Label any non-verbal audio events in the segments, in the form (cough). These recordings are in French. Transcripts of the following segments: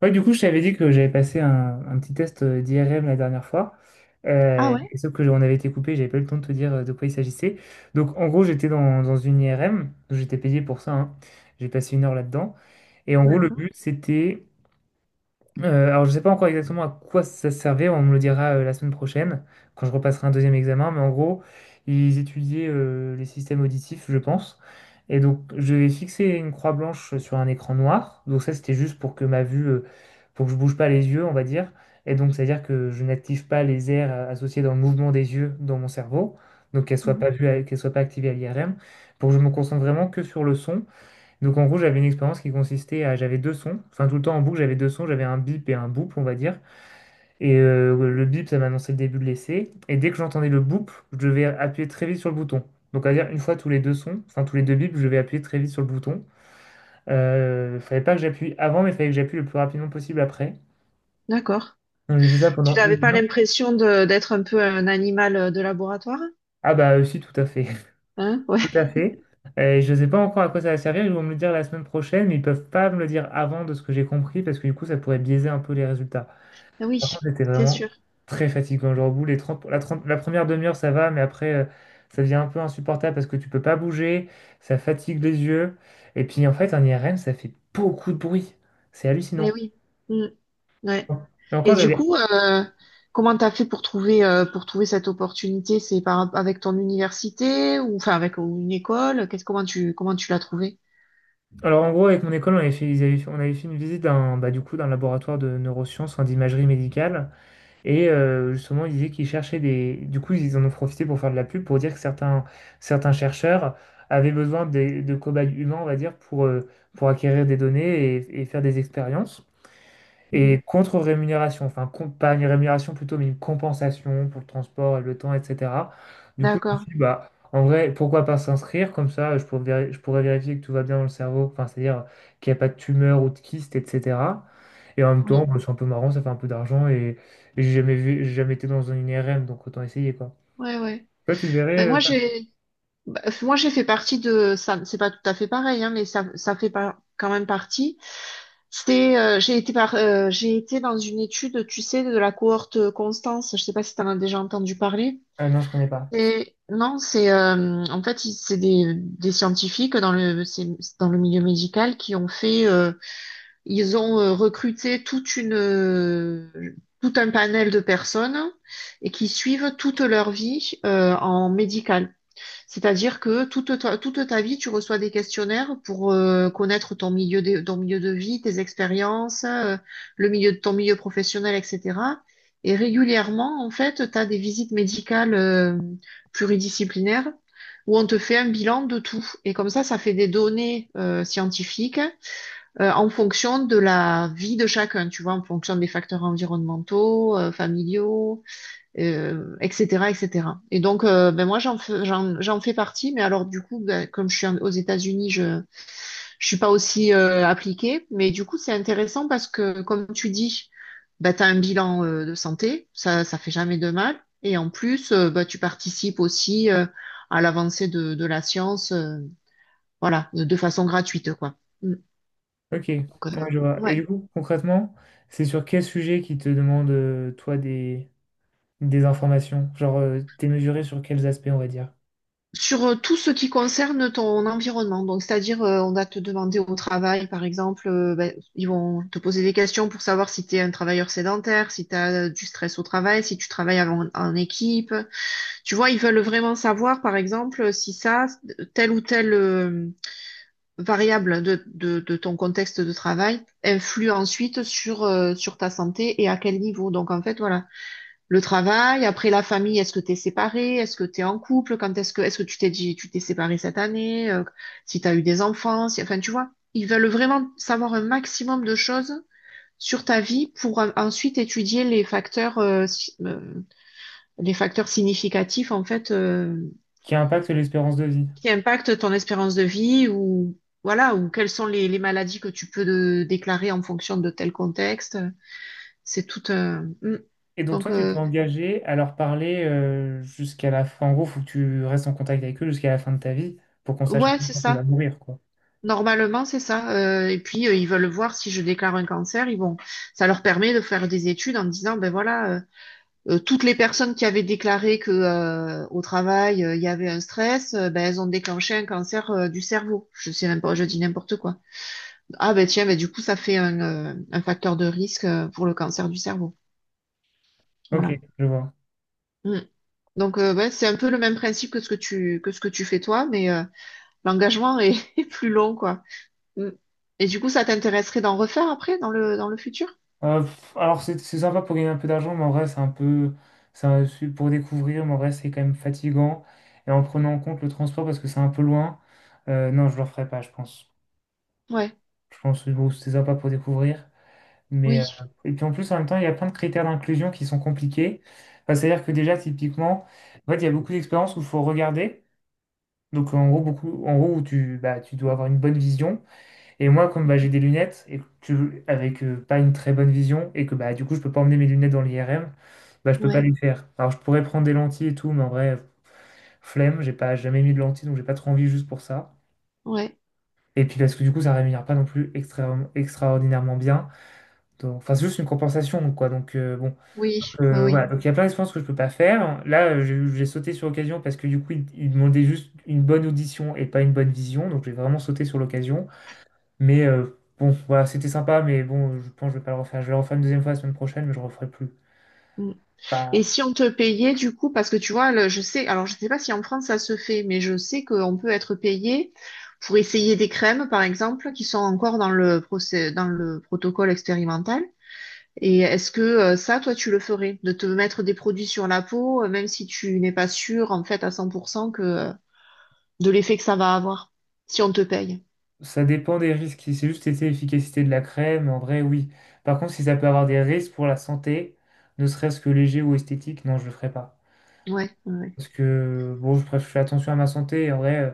Ouais, du coup, je t'avais dit que j'avais passé un petit test d'IRM la dernière fois. Ah Euh, ouais, et sauf que on avait été coupé, j'avais pas eu le temps de te dire de quoi il s'agissait. Donc, en gros, j'étais dans une IRM, j'étais payé pour ça, hein. J'ai passé 1 heure là-dedans. Et en gros, le d'accord. but, c'était alors, je sais pas encore exactement à quoi ça servait, on me le dira la semaine prochaine, quand je repasserai un deuxième examen, mais en gros, ils étudiaient les systèmes auditifs, je pense. Et donc, je vais fixer une croix blanche sur un écran noir. Donc, ça, c'était juste pour que ma vue, pour que je bouge pas les yeux, on va dire. Et donc, c'est-à-dire que je n'active pas les aires associées dans le mouvement des yeux dans mon cerveau, donc qu'elles soient pas Mhm. vues, qu'elles soient pas activées à l'IRM, pour que je me concentre vraiment que sur le son. Donc en gros, j'avais une expérience qui consistait à, j'avais deux sons, enfin tout le temps en boucle, j'avais deux sons, j'avais un bip et un boop, on va dire. Et le bip, ça m'annonçait le début de l'essai. Et dès que j'entendais le boop, je devais appuyer très vite sur le bouton. Donc à dire une fois tous les deux sons, enfin tous les deux bips, je devais appuyer très vite sur le bouton. Fallait pas que j'appuie avant, mais fallait que j'appuie le plus rapidement possible après. D'accord. Donc j'ai fait ça Tu pendant n'avais une pas heure. l'impression de d'être un peu un animal de laboratoire? Ah bah aussi tout à fait, Hein? (laughs) Ouais. tout à (laughs) fait. Je ne sais pas encore à quoi ça va servir, ils vont me le dire la semaine prochaine, mais ils peuvent pas me le dire avant de ce que j'ai compris, parce que du coup ça pourrait biaiser un peu les résultats. Ah Par oui, contre, c'était c'est sûr. vraiment très fatigant. Genre, au bout, 30, la première demi-heure, ça va, mais après, ça devient un peu insupportable parce que tu peux pas bouger, ça fatigue les yeux. Et puis, en fait, un IRM, ça fait beaucoup de bruit. C'est Eh hallucinant. oui. Mm. Ouais. Et encore, Et du j'avais... coup, comment t'as fait pour trouver cette opportunité? C'est par avec ton université ou enfin avec une école? Qu'est-ce Comment tu l'as trouvé? Alors, en gros, avec mon école, on avait fait, on avait fait une visite d'un, bah, du coup, d'un laboratoire de neurosciences, enfin, d'imagerie médicale. Et justement, ils disaient qu'ils cherchaient des... Du coup, ils en ont profité pour faire de la pub, pour dire que certains chercheurs avaient de cobayes humains, on va dire, pour acquérir des données et faire des expériences. Et Mhm. contre-rémunération, pas une rémunération plutôt, mais une compensation pour le transport et le temps, etc. Du coup, je me D'accord. suis dit, bah, en vrai, pourquoi pas s'inscrire comme ça, je pourrais, je pourrais vérifier que tout va bien dans le cerveau, enfin, c'est-à-dire qu'il n'y a pas de tumeur ou de kyste, etc. Et en même temps, Oui. bah, c'est un peu marrant, ça fait un peu d'argent et j'ai jamais vu, j'ai jamais été dans une IRM, donc autant essayer, quoi. Ouais, ouais. Toi, tu devrais... Ben moi j'ai moi j'ai fait partie de ça. C'est pas tout à fait pareil, hein, mais ça fait pas quand même partie. J'ai été dans une étude, tu sais, de la cohorte Constance. Je sais pas si tu en as déjà entendu parler. Ah non, je connais pas. Non, c'est en fait c'est des scientifiques dans le milieu médical qui ont fait ils ont recruté tout un panel de personnes et qui suivent toute leur vie en médical. C'est-à-dire que toute ta vie, tu reçois des questionnaires pour connaître ton milieu de vie, tes expériences, le milieu de ton milieu professionnel, etc. Et régulièrement, en fait, tu as des visites médicales pluridisciplinaires où on te fait un bilan de tout. Et comme ça fait des données scientifiques en fonction de la vie de chacun, tu vois, en fonction des facteurs environnementaux, familiaux, etc., etc. Et cetera. Et donc, ben moi, j'en fais partie, mais alors du coup, ben, comme je suis aux États-Unis, je suis pas aussi appliquée, mais du coup, c'est intéressant parce que, comme tu dis, bah tu as un bilan de santé, ça fait jamais de mal, et en plus, ben, tu participes aussi à l'avancée de la science, voilà, de façon gratuite, quoi. Mm. Ok, ouais, Donc, je vois. Et ouais. du coup, concrètement, c'est sur quel sujet qui te demande, toi, des... Des informations, genre démesurées sur quels aspects, on va dire. Sur tout ce qui concerne ton environnement, donc c'est-à-dire on va te demander au travail, par exemple, ben, ils vont te poser des questions pour savoir si tu es un travailleur sédentaire, si tu as du stress au travail, si tu travailles en équipe. Tu vois, ils veulent vraiment savoir, par exemple, si ça, telle ou telle variable de ton contexte de travail influe ensuite sur ta santé et à quel niveau. Donc en fait, voilà le travail, après la famille, est-ce que tu es séparé, est-ce que tu es en couple, quand est-ce que tu t'es séparé cette année, si tu as eu des enfants, enfin tu vois, ils veulent vraiment savoir un maximum de choses sur ta vie pour ensuite étudier les facteurs si- les facteurs significatifs en fait Qui impactent l'espérance de vie. qui impactent ton espérance de vie ou voilà, ou quelles sont les maladies que tu peux déclarer en fonction de tel contexte. C'est tout un. Mm. Et donc Donc toi, tu t'es engagé à leur parler jusqu'à la fin. En gros, faut que tu restes en contact avec eux jusqu'à la fin de ta vie pour qu'on sache un ouais, peu c'est quand tu vas ça. mourir, quoi. Normalement, c'est ça. Et puis, ils veulent voir si je déclare un cancer. Ça leur permet de faire des études en disant, ben voilà, toutes les personnes qui avaient déclaré que au travail il y avait un stress, ben elles ont déclenché un cancer du cerveau. Je dis n'importe quoi. Ah ben tiens, ben du coup, ça fait un facteur de risque pour le cancer du cerveau. Ok, Voilà. je vois. Mm. Donc, ouais, c'est un peu le même principe que ce que tu fais toi, mais l'engagement est, (laughs) est plus long, quoi. Mm. Et du coup, ça t'intéresserait d'en refaire après, dans le futur? Alors c'est sympa pour gagner un peu d'argent, mais en vrai, c'est un peu, c'est pour découvrir, mais en vrai, c'est quand même fatigant. Et en prenant en compte le transport parce que c'est un peu loin, non, je le referai pas, je pense. Ouais, Je pense que bon, c'est sympa pour découvrir. Mais, oui, et puis en plus, en même temps, il y a plein de critères d'inclusion qui sont compliqués. Enfin, c'est-à-dire que déjà, typiquement, en fait, il y a beaucoup d'expériences où il faut regarder. Donc en gros, beaucoup, en gros où tu, bah, tu dois avoir une bonne vision. Et moi, comme bah, j'ai des lunettes et que avec pas une très bonne vision et que bah, du coup, je peux pas emmener mes lunettes dans l'IRM, bah, je peux pas ouais, les faire. Alors je pourrais prendre des lentilles et tout, mais en vrai, flemme, j'ai pas jamais mis de lentilles, donc j'ai pas trop envie juste pour ça. ouais, Et puis parce que du coup, ça rémunère pas non plus extraordinairement bien. Donc, enfin, c'est juste une compensation, quoi. Donc, bon. oui, oui, oui. Voilà. Donc, il y a plein d'expériences que je peux pas faire. Là, j'ai sauté sur l'occasion parce que, du coup, ils il demandaient juste une bonne audition et pas une bonne vision. Donc, j'ai vraiment sauté sur l'occasion. Mais bon, voilà, c'était sympa. Mais bon, je pense que je vais pas le refaire. Je vais le refaire une deuxième fois la semaine prochaine, mais je referai plus. Mm. Bah, Et si on te payait, du coup, parce que tu vois, alors je sais pas si en France ça se fait, mais je sais qu'on peut être payé pour essayer des crèmes, par exemple, qui sont encore dans le protocole expérimental. Et est-ce que ça, toi, tu le ferais, de te mettre des produits sur la peau, même si tu n'es pas sûr, en fait, à 100% de l'effet que ça va avoir, si on te paye? ça dépend des risques. Si c'est juste été l'efficacité de la crème, en vrai, oui. Par contre, si ça peut avoir des risques pour la santé, ne serait-ce que léger ou esthétique, non, je le ferai pas. Ouais, ouais. Parce que, bon, je fais attention à ma santé. En vrai.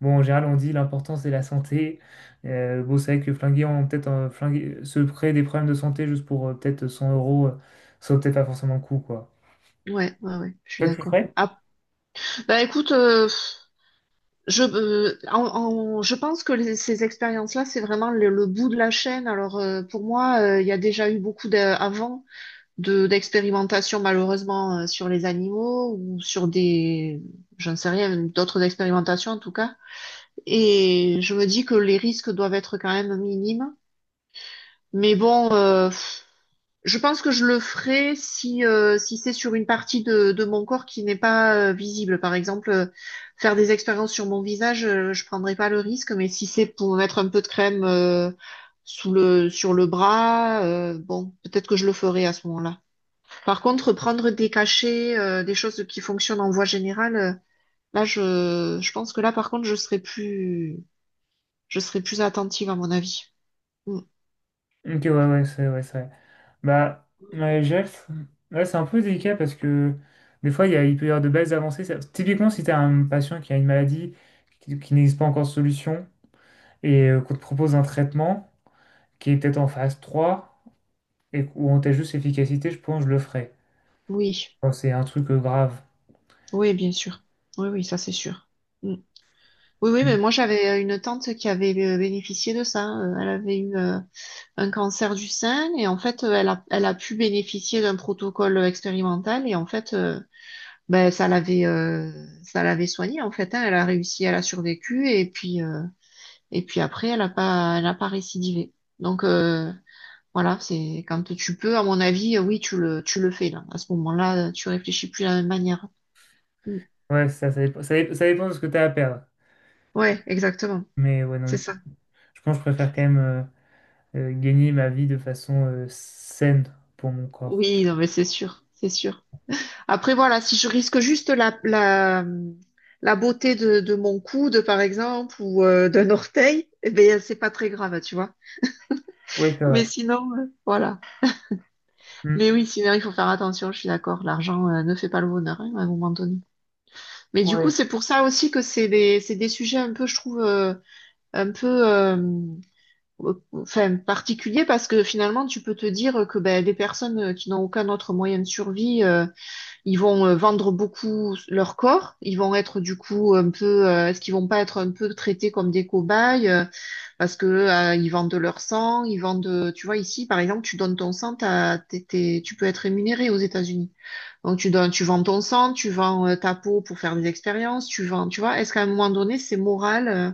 Bon, en général, on dit l'important c'est la santé. Bon, c'est vrai que flinguer, on peut-être se créer des problèmes de santé juste pour peut-être 100 euros, ça vaut peut-être pas forcément le coup, quoi. Ouais, ouais, ouais, je suis Toi, tu le d'accord. ferais? Ah, bah écoute, je, euh, en- je pense que ces expériences-là, c'est vraiment le bout de la chaîne. Alors pour moi, il y a déjà eu beaucoup avant d'expérimentations malheureusement sur les animaux ou sur des, je ne sais rien, d'autres expérimentations en tout cas. Et je me dis que les risques doivent être quand même minimes. Mais bon. Je pense que je le ferai si c'est sur une partie de mon corps qui n'est pas visible. Par exemple, faire des expériences sur mon visage, je prendrai pas le risque, mais si c'est pour mettre un peu de crème sur le bras, bon, peut-être que je le ferai à ce moment-là. Par contre, prendre des cachets, des choses qui fonctionnent en voie générale, là, je pense que là, par contre, je serai plus attentive à mon avis. Mm. Ok, ouais, ouais, c'est vrai. Bah, ouais, je dirais que c'est ouais, c'est un peu délicat parce que des fois, il y a, il peut y avoir de belles avancées. Ça- typiquement, si tu as un patient qui a une maladie qui n'existe pas encore de solution et qu'on te propose un traitement qui est peut-être en phase 3 et où on teste juste l'efficacité, je pense que je le ferais. Oui, Quand c'est un truc grave. oui, bien sûr. Oui, oui, ça c'est sûr. Mm. Oui, oui, mais moi j'avais une tante qui avait bénéficié de ça. Elle avait eu un cancer du sein et en fait elle a pu bénéficier d'un protocole expérimental et en fait ben, ça l'avait soignée en fait, hein. Elle a réussi, elle a survécu et puis après elle a pas récidivé. Donc voilà, c'est quand tu peux, à mon avis, oui, tu le fais là. À ce moment-là, tu réfléchis plus de la même manière. Mm. Ouais, ça dépend, ça dépend de ce que tu as à perdre. Ouais, exactement, Mais ouais, non, c'est du coup, ça. je pense que je préfère quand même gagner ma vie de façon saine pour mon corps. Oui, non mais c'est sûr, c'est sûr. Après, voilà, si je risque juste la beauté de mon coude, par exemple, ou d'un orteil, eh ben, c'est pas très grave, tu vois. Ouais, c'est vrai. Mais sinon, voilà. Mm. Mais oui, sinon, il faut faire attention, je suis d'accord. L'argent, ne fait pas le bonheur, hein, à un moment donné. Mais du coup, Ouais. c'est pour ça aussi que c'est des sujets un peu, je trouve, un peu, enfin, particuliers, parce que finalement, tu peux te dire que ben, des personnes qui n'ont aucun autre moyen de survie, ils vont vendre beaucoup leur corps, ils vont être du coup un peu, est-ce qu'ils vont pas être un peu traités comme des cobayes parce que ils vendent leur sang, tu vois ici par exemple, tu donnes ton sang, t'as- t'es- t'es- tu peux être rémunéré aux États-Unis. Donc tu donnes, tu vends ton sang, tu vends ta peau pour faire des expériences, tu vois. Est-ce qu'à un moment donné c'est moral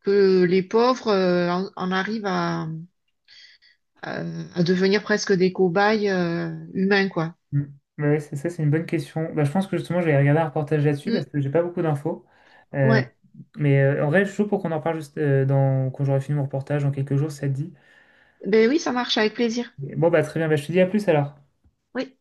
que les pauvres en arrivent à- à devenir presque des cobayes humains, quoi? Mm. Bah ouais, c'est ça, c'est une bonne question. Bah, je pense que justement, je vais regarder un reportage là-dessus Hmm. parce que j'ai pas beaucoup d'infos. Euh, Ouais. mais en vrai, je suis chaud pour qu'on en parle juste quand j'aurai fini mon reportage dans quelques jours, si ça te dit. Ben oui, ça marche avec plaisir. Bon, bah très bien, bah, je te dis à plus alors. Oui.